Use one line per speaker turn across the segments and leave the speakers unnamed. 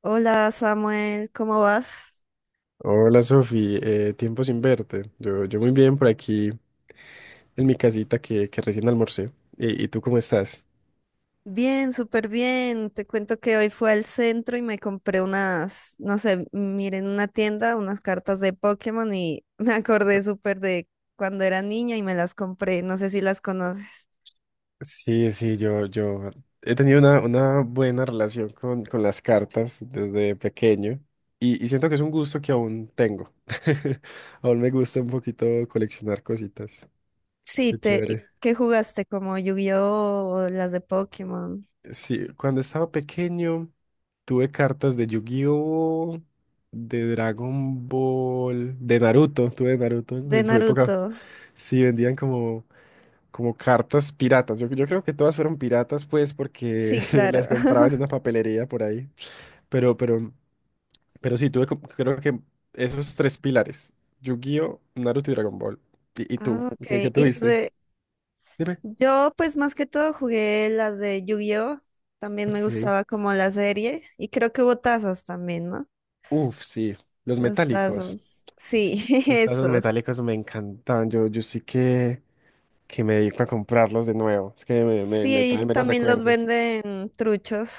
Hola Samuel, ¿cómo vas?
Hola Sofi, tiempo sin verte. Yo muy bien por aquí en mi casita que recién almorcé. ¿Y tú cómo estás?
Bien, súper bien. Te cuento que hoy fui al centro y me compré unas, no sé, miren una tienda, unas cartas de Pokémon y me acordé súper de cuando era niña y me las compré. No sé si las conoces.
Sí, sí, yo he tenido una buena relación con las cartas desde pequeño y siento que es un gusto que aún tengo. Aún me gusta un poquito coleccionar cositas.
Sí,
Qué chévere.
¿qué jugaste? ¿Como Yu-Gi-Oh o las de Pokémon?
Sí, cuando estaba pequeño tuve cartas de Yu-Gi-Oh, de Dragon Ball, de Naruto, tuve Naruto en
De
en su época.
Naruto.
Sí, vendían como cartas piratas. Yo creo que todas fueron piratas, pues, porque
Sí,
las
claro.
compraban en una papelería por ahí. Pero, pero, pero sí, tuve creo que esos tres pilares. Yu-Gi-Oh, Naruto y Dragon Ball. ¿Y tú?
Ah,
¿Qué
ok.
tuviste? Dime.
Yo pues más que todo jugué las de Yu-Gi-Oh! También me
Ok.
gustaba como la serie y creo que hubo tazos también, ¿no?
Uf, sí. Los
Los
metálicos.
tazos. Sí,
Esos tazos
esos.
metálicos me encantaban. Yo sí que me dedico a comprarlos de nuevo. Es que me
Sí, y
traen menos
también los
recuerdos.
venden truchos.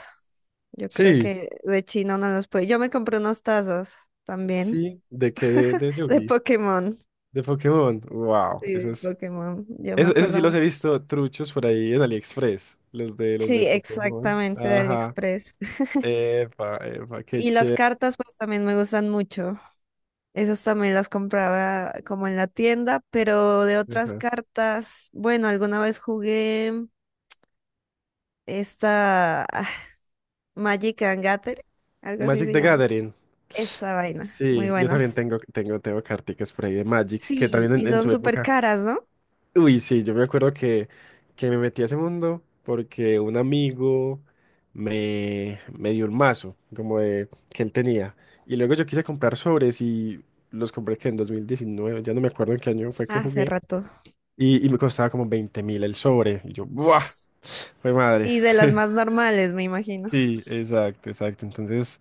Yo creo
Sí,
que de China no los puede. Yo me compré unos tazos también
sí. ¿De qué? De, de
de
Yugi.
Pokémon.
De Pokémon. Wow.
Sí,
Eso
de
es.
Pokémon. Yo me
Eso sí
acuerdo
los he
mucho.
visto truchos por ahí en AliExpress. Los
Sí,
de Pokémon.
exactamente de
Ajá.
AliExpress.
Epa, epa, qué
Y las
chévere.
cartas pues también me gustan mucho. Esas también las compraba como en la tienda, pero de otras
Ajá.
cartas, bueno, alguna vez jugué esta Magic and Gathering, algo así
Magic
se
the
llama.
Gathering.
Esa vaina, muy
Sí, yo también
buenas.
tengo carticas por ahí de Magic, que
Sí,
también
y
en
son
su
súper
época.
caras, ¿no?
Uy, sí, yo me acuerdo que me metí a ese mundo porque un amigo me dio un mazo como que él tenía. Y luego yo quise comprar sobres y los compré que en 2019 ya no me acuerdo en qué año fue que
Hace
jugué.
rato.
Y me costaba como 20.000 el sobre. Y yo, ¡buah! Fue madre.
Y de las más normales, me imagino.
Sí, exacto, exacto. Entonces,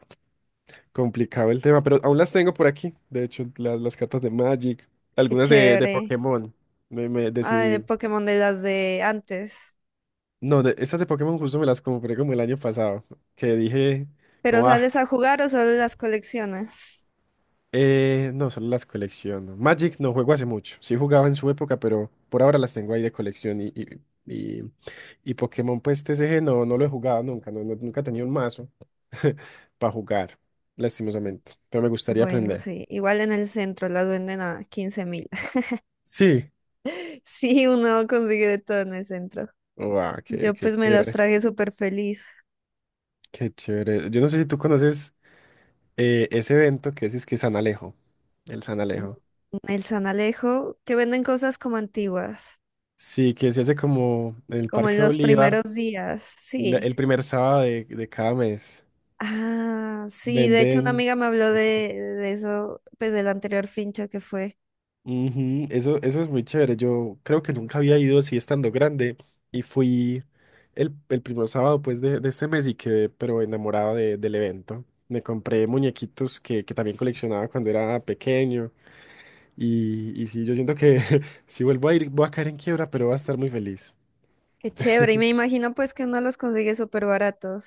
complicado el tema, pero aún las tengo por aquí. De hecho, las cartas de Magic,
Qué
algunas de
chévere.
Pokémon. Me
Ay, de
decidí.
Pokémon de las de antes.
No, estas de Pokémon justo me las compré como el año pasado, que dije,
¿Pero
como, ah,
sales a jugar o solo las coleccionas?
no, solo las colecciono. Magic no juego hace mucho, sí jugaba en su época, pero por ahora las tengo ahí de colección y, y Pokémon, pues TCG no lo he jugado nunca, no, nunca he tenido un mazo para jugar, lastimosamente, pero me gustaría
Bueno,
aprender.
sí, igual en el centro las venden a 15.000.
Sí,
Sí, uno consigue de todo en el centro.
wow, qué,
Yo
qué
pues me las
chévere,
traje súper feliz.
qué chévere. Yo no sé si tú conoces ese evento que es que San Alejo, el San
Mm,
Alejo.
el San Alejo, que venden cosas como antiguas,
Sí, que se hace como en el
como en
Parque
los
Bolívar,
primeros días, sí.
el primer sábado de cada mes.
Ah, sí, de hecho una
Venden
amiga me habló de,
cositas.
de eso, pues del anterior fincha que fue.
Ujú. Eso es muy chévere. Yo creo que nunca había ido así estando grande y fui el primer sábado pues de este mes y quedé pero enamorado del evento. Me compré muñequitos que también coleccionaba cuando era pequeño y sí, yo siento que si vuelvo a ir voy a caer en quiebra, pero voy a estar muy feliz.
Qué chévere, y me imagino pues que uno los consigue súper baratos.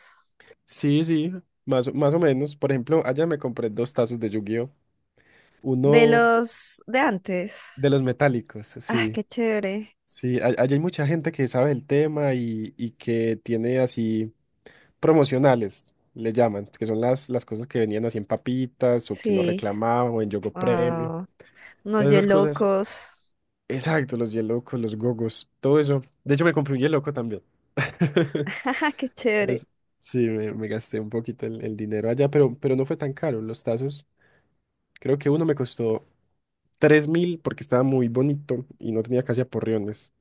Sí, sí, más, más o menos. Por ejemplo, allá me compré dos tazos de Yu-Gi-Oh!
De
Uno
los de antes.
de los metálicos,
Ah,
sí.
qué chévere.
Sí, allá hay mucha gente que sabe el tema y que tiene así promocionales, le llaman, que son las cosas que venían así en papitas o que uno
Sí.
reclamaba o en Yogo Premio.
Wow. Unos
Todas esas cosas.
locos.
Exacto, los Yelocos, los Gogos, todo eso. De hecho, me compré un Yeloco también.
Qué chévere.
Es- sí, me gasté un poquito el dinero allá, pero no fue tan caro. Los tazos, creo que uno me costó 3.000 porque estaba muy bonito y no tenía casi aporreones.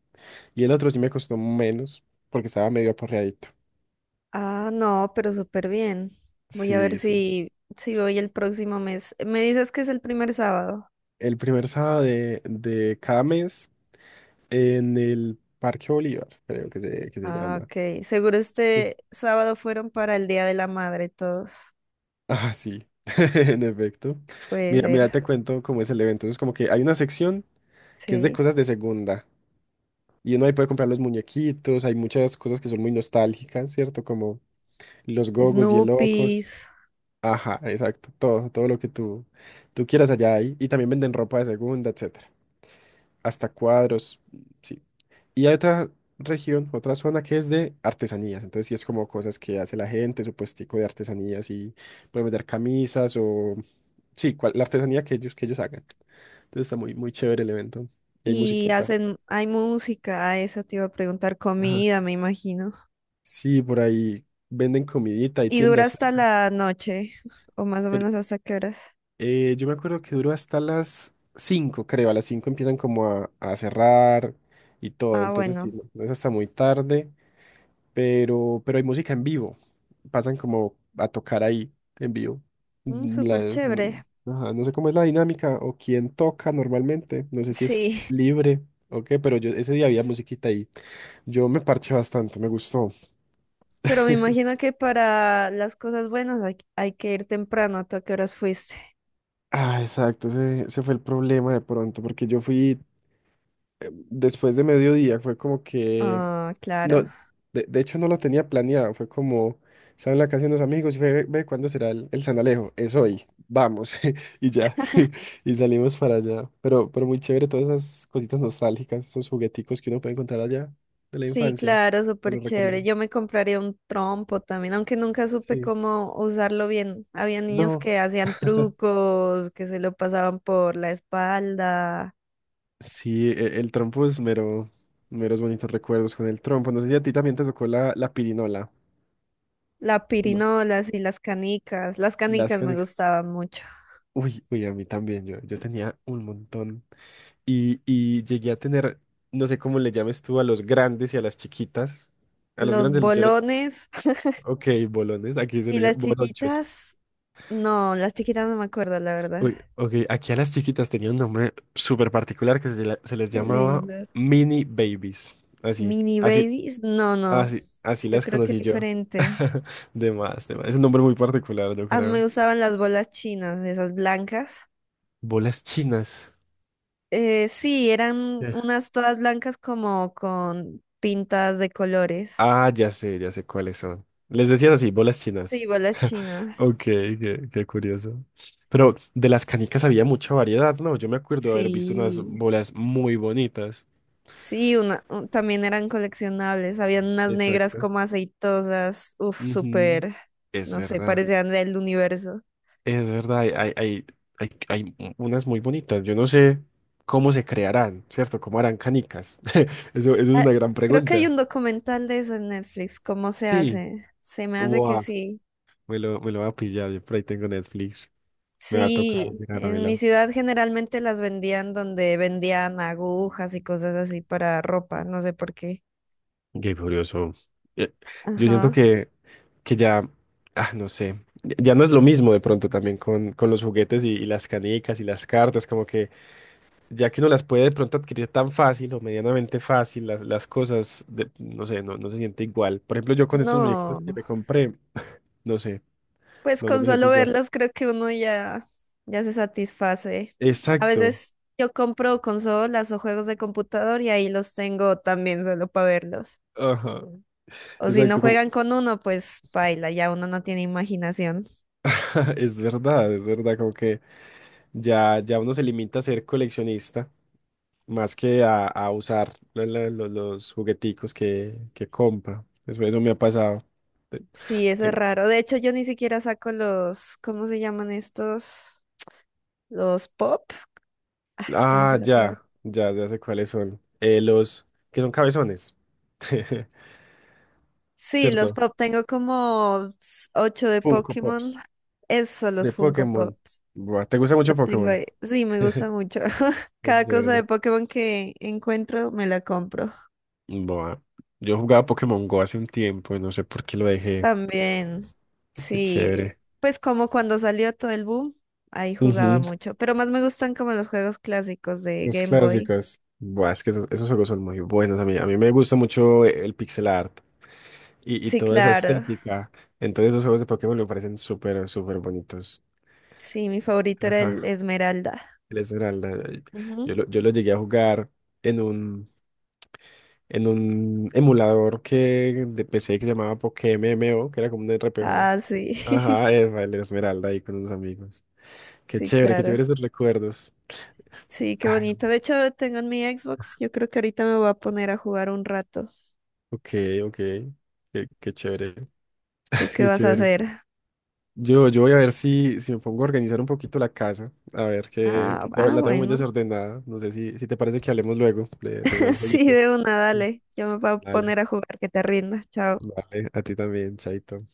Y el otro sí me costó menos porque estaba medio aporreadito.
Ah, no, pero súper bien. Voy a ver
Sí, sí.
si voy el próximo mes. Me dices que es el primer sábado.
El primer sábado de cada mes en el Parque Bolívar, creo que se
Ah,
llama.
ok. Seguro
Sí.
este sábado fueron para el Día de la Madre todos.
Ah, sí, en efecto.
Puede
Mira,
ser.
mira, te cuento cómo es el evento. Es como que hay una sección que es de
Sí.
cosas de segunda. Y uno ahí puede comprar los muñequitos, hay muchas cosas que son muy nostálgicas, ¿cierto? Como los gogos, y
Snoopies.
Ajá, exacto. Todo lo que tú quieras allá hay. Y también venden ropa de segunda, etcétera. Hasta cuadros, sí. Y hay otra región, otra zona que es de artesanías. Entonces sí es como cosas que hace la gente, su puestico de artesanías y pueden vender camisas o sí, la artesanía que ellos hagan. Entonces está muy, muy chévere el evento. Y hay
Y
musiquita.
hacen, hay música, ah, eso te iba a preguntar,
Ajá.
comida, me imagino.
Sí, por ahí venden comidita, hay
Y dura
tiendas.
hasta la noche, o más o menos hasta qué horas.
Yo me acuerdo que duró hasta las 5, creo. A las 5 empiezan como a cerrar y todo.
Ah,
Entonces, sí,
bueno.
no, no es hasta muy tarde, pero hay música en vivo. Pasan como a tocar ahí en vivo.
Mm,
Mm,
súper
la- no,
chévere.
ajá, no sé cómo es la dinámica o quién toca normalmente. No sé si es
Sí.
libre o qué, pero yo ese día había musiquita ahí. Yo me parché bastante, me gustó.
Pero me imagino que para las cosas buenas hay que ir temprano. ¿Tú a qué horas fuiste?
Ah, exacto, ese fue el problema de pronto, porque yo fui después de mediodía, fue como que.
Ah,
No,
claro.
de hecho no lo tenía planeado, fue como, estaba en la casa de unos amigos y fue, ve, ve, ¿cuándo será el San Alejo? Es hoy, vamos, y ya, y salimos para allá. Pero muy chévere todas esas cositas nostálgicas, esos jugueticos que uno puede encontrar allá de la
Sí,
infancia,
claro,
te
súper
los
chévere.
recomiendo.
Yo me compraría un trompo también, aunque nunca supe
Sí.
cómo usarlo bien. Había niños
No,
que hacían trucos, que se lo pasaban por la espalda,
sí, trompo es mero, meros bonitos recuerdos con el trompo. No sé si a ti también te tocó la pirinola,
la
¿o no?
pirinola y las canicas. Las
Las
canicas me
canicas.
gustaban mucho.
Uy, uy, a mí también, yo tenía un montón, y llegué a tener, no sé cómo le llames tú a los grandes y a las chiquitas. A los
Los
grandes yo le...
bolones
Ok, bolones, aquí se
y
le dice
las
bolonchos.
chiquitas. No, las chiquitas no me acuerdo, la verdad.
Uy, ok, aquí a las chiquitas tenía un nombre súper particular que se les
Qué
llamaba
lindas.
mini babies. Así,
Mini
así,
babies, no, no.
así, así
Yo
las
creo que es
conocí yo.
diferente.
De más, de más. Es un nombre muy particular, yo
A mí me
creo.
usaban las bolas chinas, esas blancas.
Bolas chinas.
Sí, eran
Eh.
unas todas blancas como con pintas de colores.
Ah, ya sé cuáles son. Les decían así, bolas chinas.
Sí, bolas chinas.
Ok, qué curioso. Pero de las canicas había mucha variedad, ¿no? Yo me acuerdo de haber visto unas
Sí,
bolas muy bonitas.
sí, también eran coleccionables. Habían unas negras
Exacto.
como aceitosas, uf,
Ujú.
súper,
Es
no sé,
verdad,
parecían del universo.
es verdad, hay unas muy bonitas. Yo no sé cómo se crearán, ¿cierto? ¿Cómo harán canicas? Eso es
Ah,
una gran
creo que hay
pregunta.
un documental de eso en Netflix, ¿cómo se
Sí,
hace? Se me hace que
wow,
sí.
me lo va a pillar, yo por ahí tengo Netflix, me va a tocar
Sí, en mi
mirármelo.
ciudad generalmente las vendían donde vendían agujas y cosas así para ropa, no sé por qué.
Qué curioso. Eh, Yo siento
Ajá.
que ya, ah, no sé, ya ya no es lo mismo de pronto también con los juguetes y las canicas y las cartas, como que ya que uno las puede de pronto adquirir tan fácil o medianamente fácil, las cosas, no sé, no, no se siente igual. Por ejemplo, yo con estos muñequitos que
No,
me compré, no sé,
pues
no, no
con
me siento
solo
igual.
verlos creo que uno ya, ya se satisface. A
Exacto.
veces yo compro consolas o juegos de computador y ahí los tengo también solo para verlos.
Ajá,
O si no
exacto, como,
juegan con uno, pues baila, ya uno no tiene imaginación.
es verdad, como que ya, ya uno se limita a ser coleccionista más que a usar los jugueticos que compra. Eso me ha pasado. Te-
Sí, eso es
tengo-
raro. De hecho, yo ni siquiera saco los, ¿cómo se llaman estos? Los pop. Ah, se me
Ah,
fue la palabra.
ya, ya, ya sé cuáles son. Los que son cabezones,
Sí, los
¿cierto?
pop. Tengo como ocho de
Funko
Pokémon.
Pops
Eso, los
de
Funko
Pokémon.
Pops.
Buah, ¿te gusta
Y
mucho
Los tengo
Pokémon?
ahí. Sí, me gusta mucho.
Qué
Cada cosa
chévere.
de Pokémon que encuentro, me la compro.
Buah, yo jugaba Pokémon Go hace un tiempo y no sé por qué lo dejé.
También,
Qué
sí.
chévere.
Pues como cuando salió todo el boom, ahí jugaba
Ujú.
mucho. Pero más me gustan como los juegos clásicos de
Los
Game Boy.
clásicos. Buah, es que esos juegos son muy buenos a mí. A mí me gusta mucho el pixel art, y
Sí,
toda esa
claro.
estética. Entonces esos juegos de Pokémon me parecen súper, súper bonitos.
Sí, mi favorito era
Ajá.
el Esmeralda.
El Esmeralda.
Ujú.
Yo lo llegué a jugar en un, en un emulador que de PC que se llamaba PokéMMO, que era como un RPG.
Ah, sí.
Ajá, el Esmeralda ahí con unos amigos.
Sí,
Qué
claro.
chévere esos recuerdos.
Sí, qué
Ay,
bonito. De hecho, tengo en mi Xbox. Yo creo que ahorita me voy a poner a jugar un rato.
ok, ok. Qué chévere,
¿Tú qué
qué
vas a
chévere.
hacer?
Yo voy a ver si me pongo a organizar un poquito la casa. A ver,
Ah, ah,
la tengo muy
bueno.
desordenada. No sé si te parece que hablemos luego de más
Sí, de
jueguitos.
una,
Mm.
dale. Yo me voy a
Vale,
poner a jugar, que te rinda. Chao.
vale, a ti también, Chaito.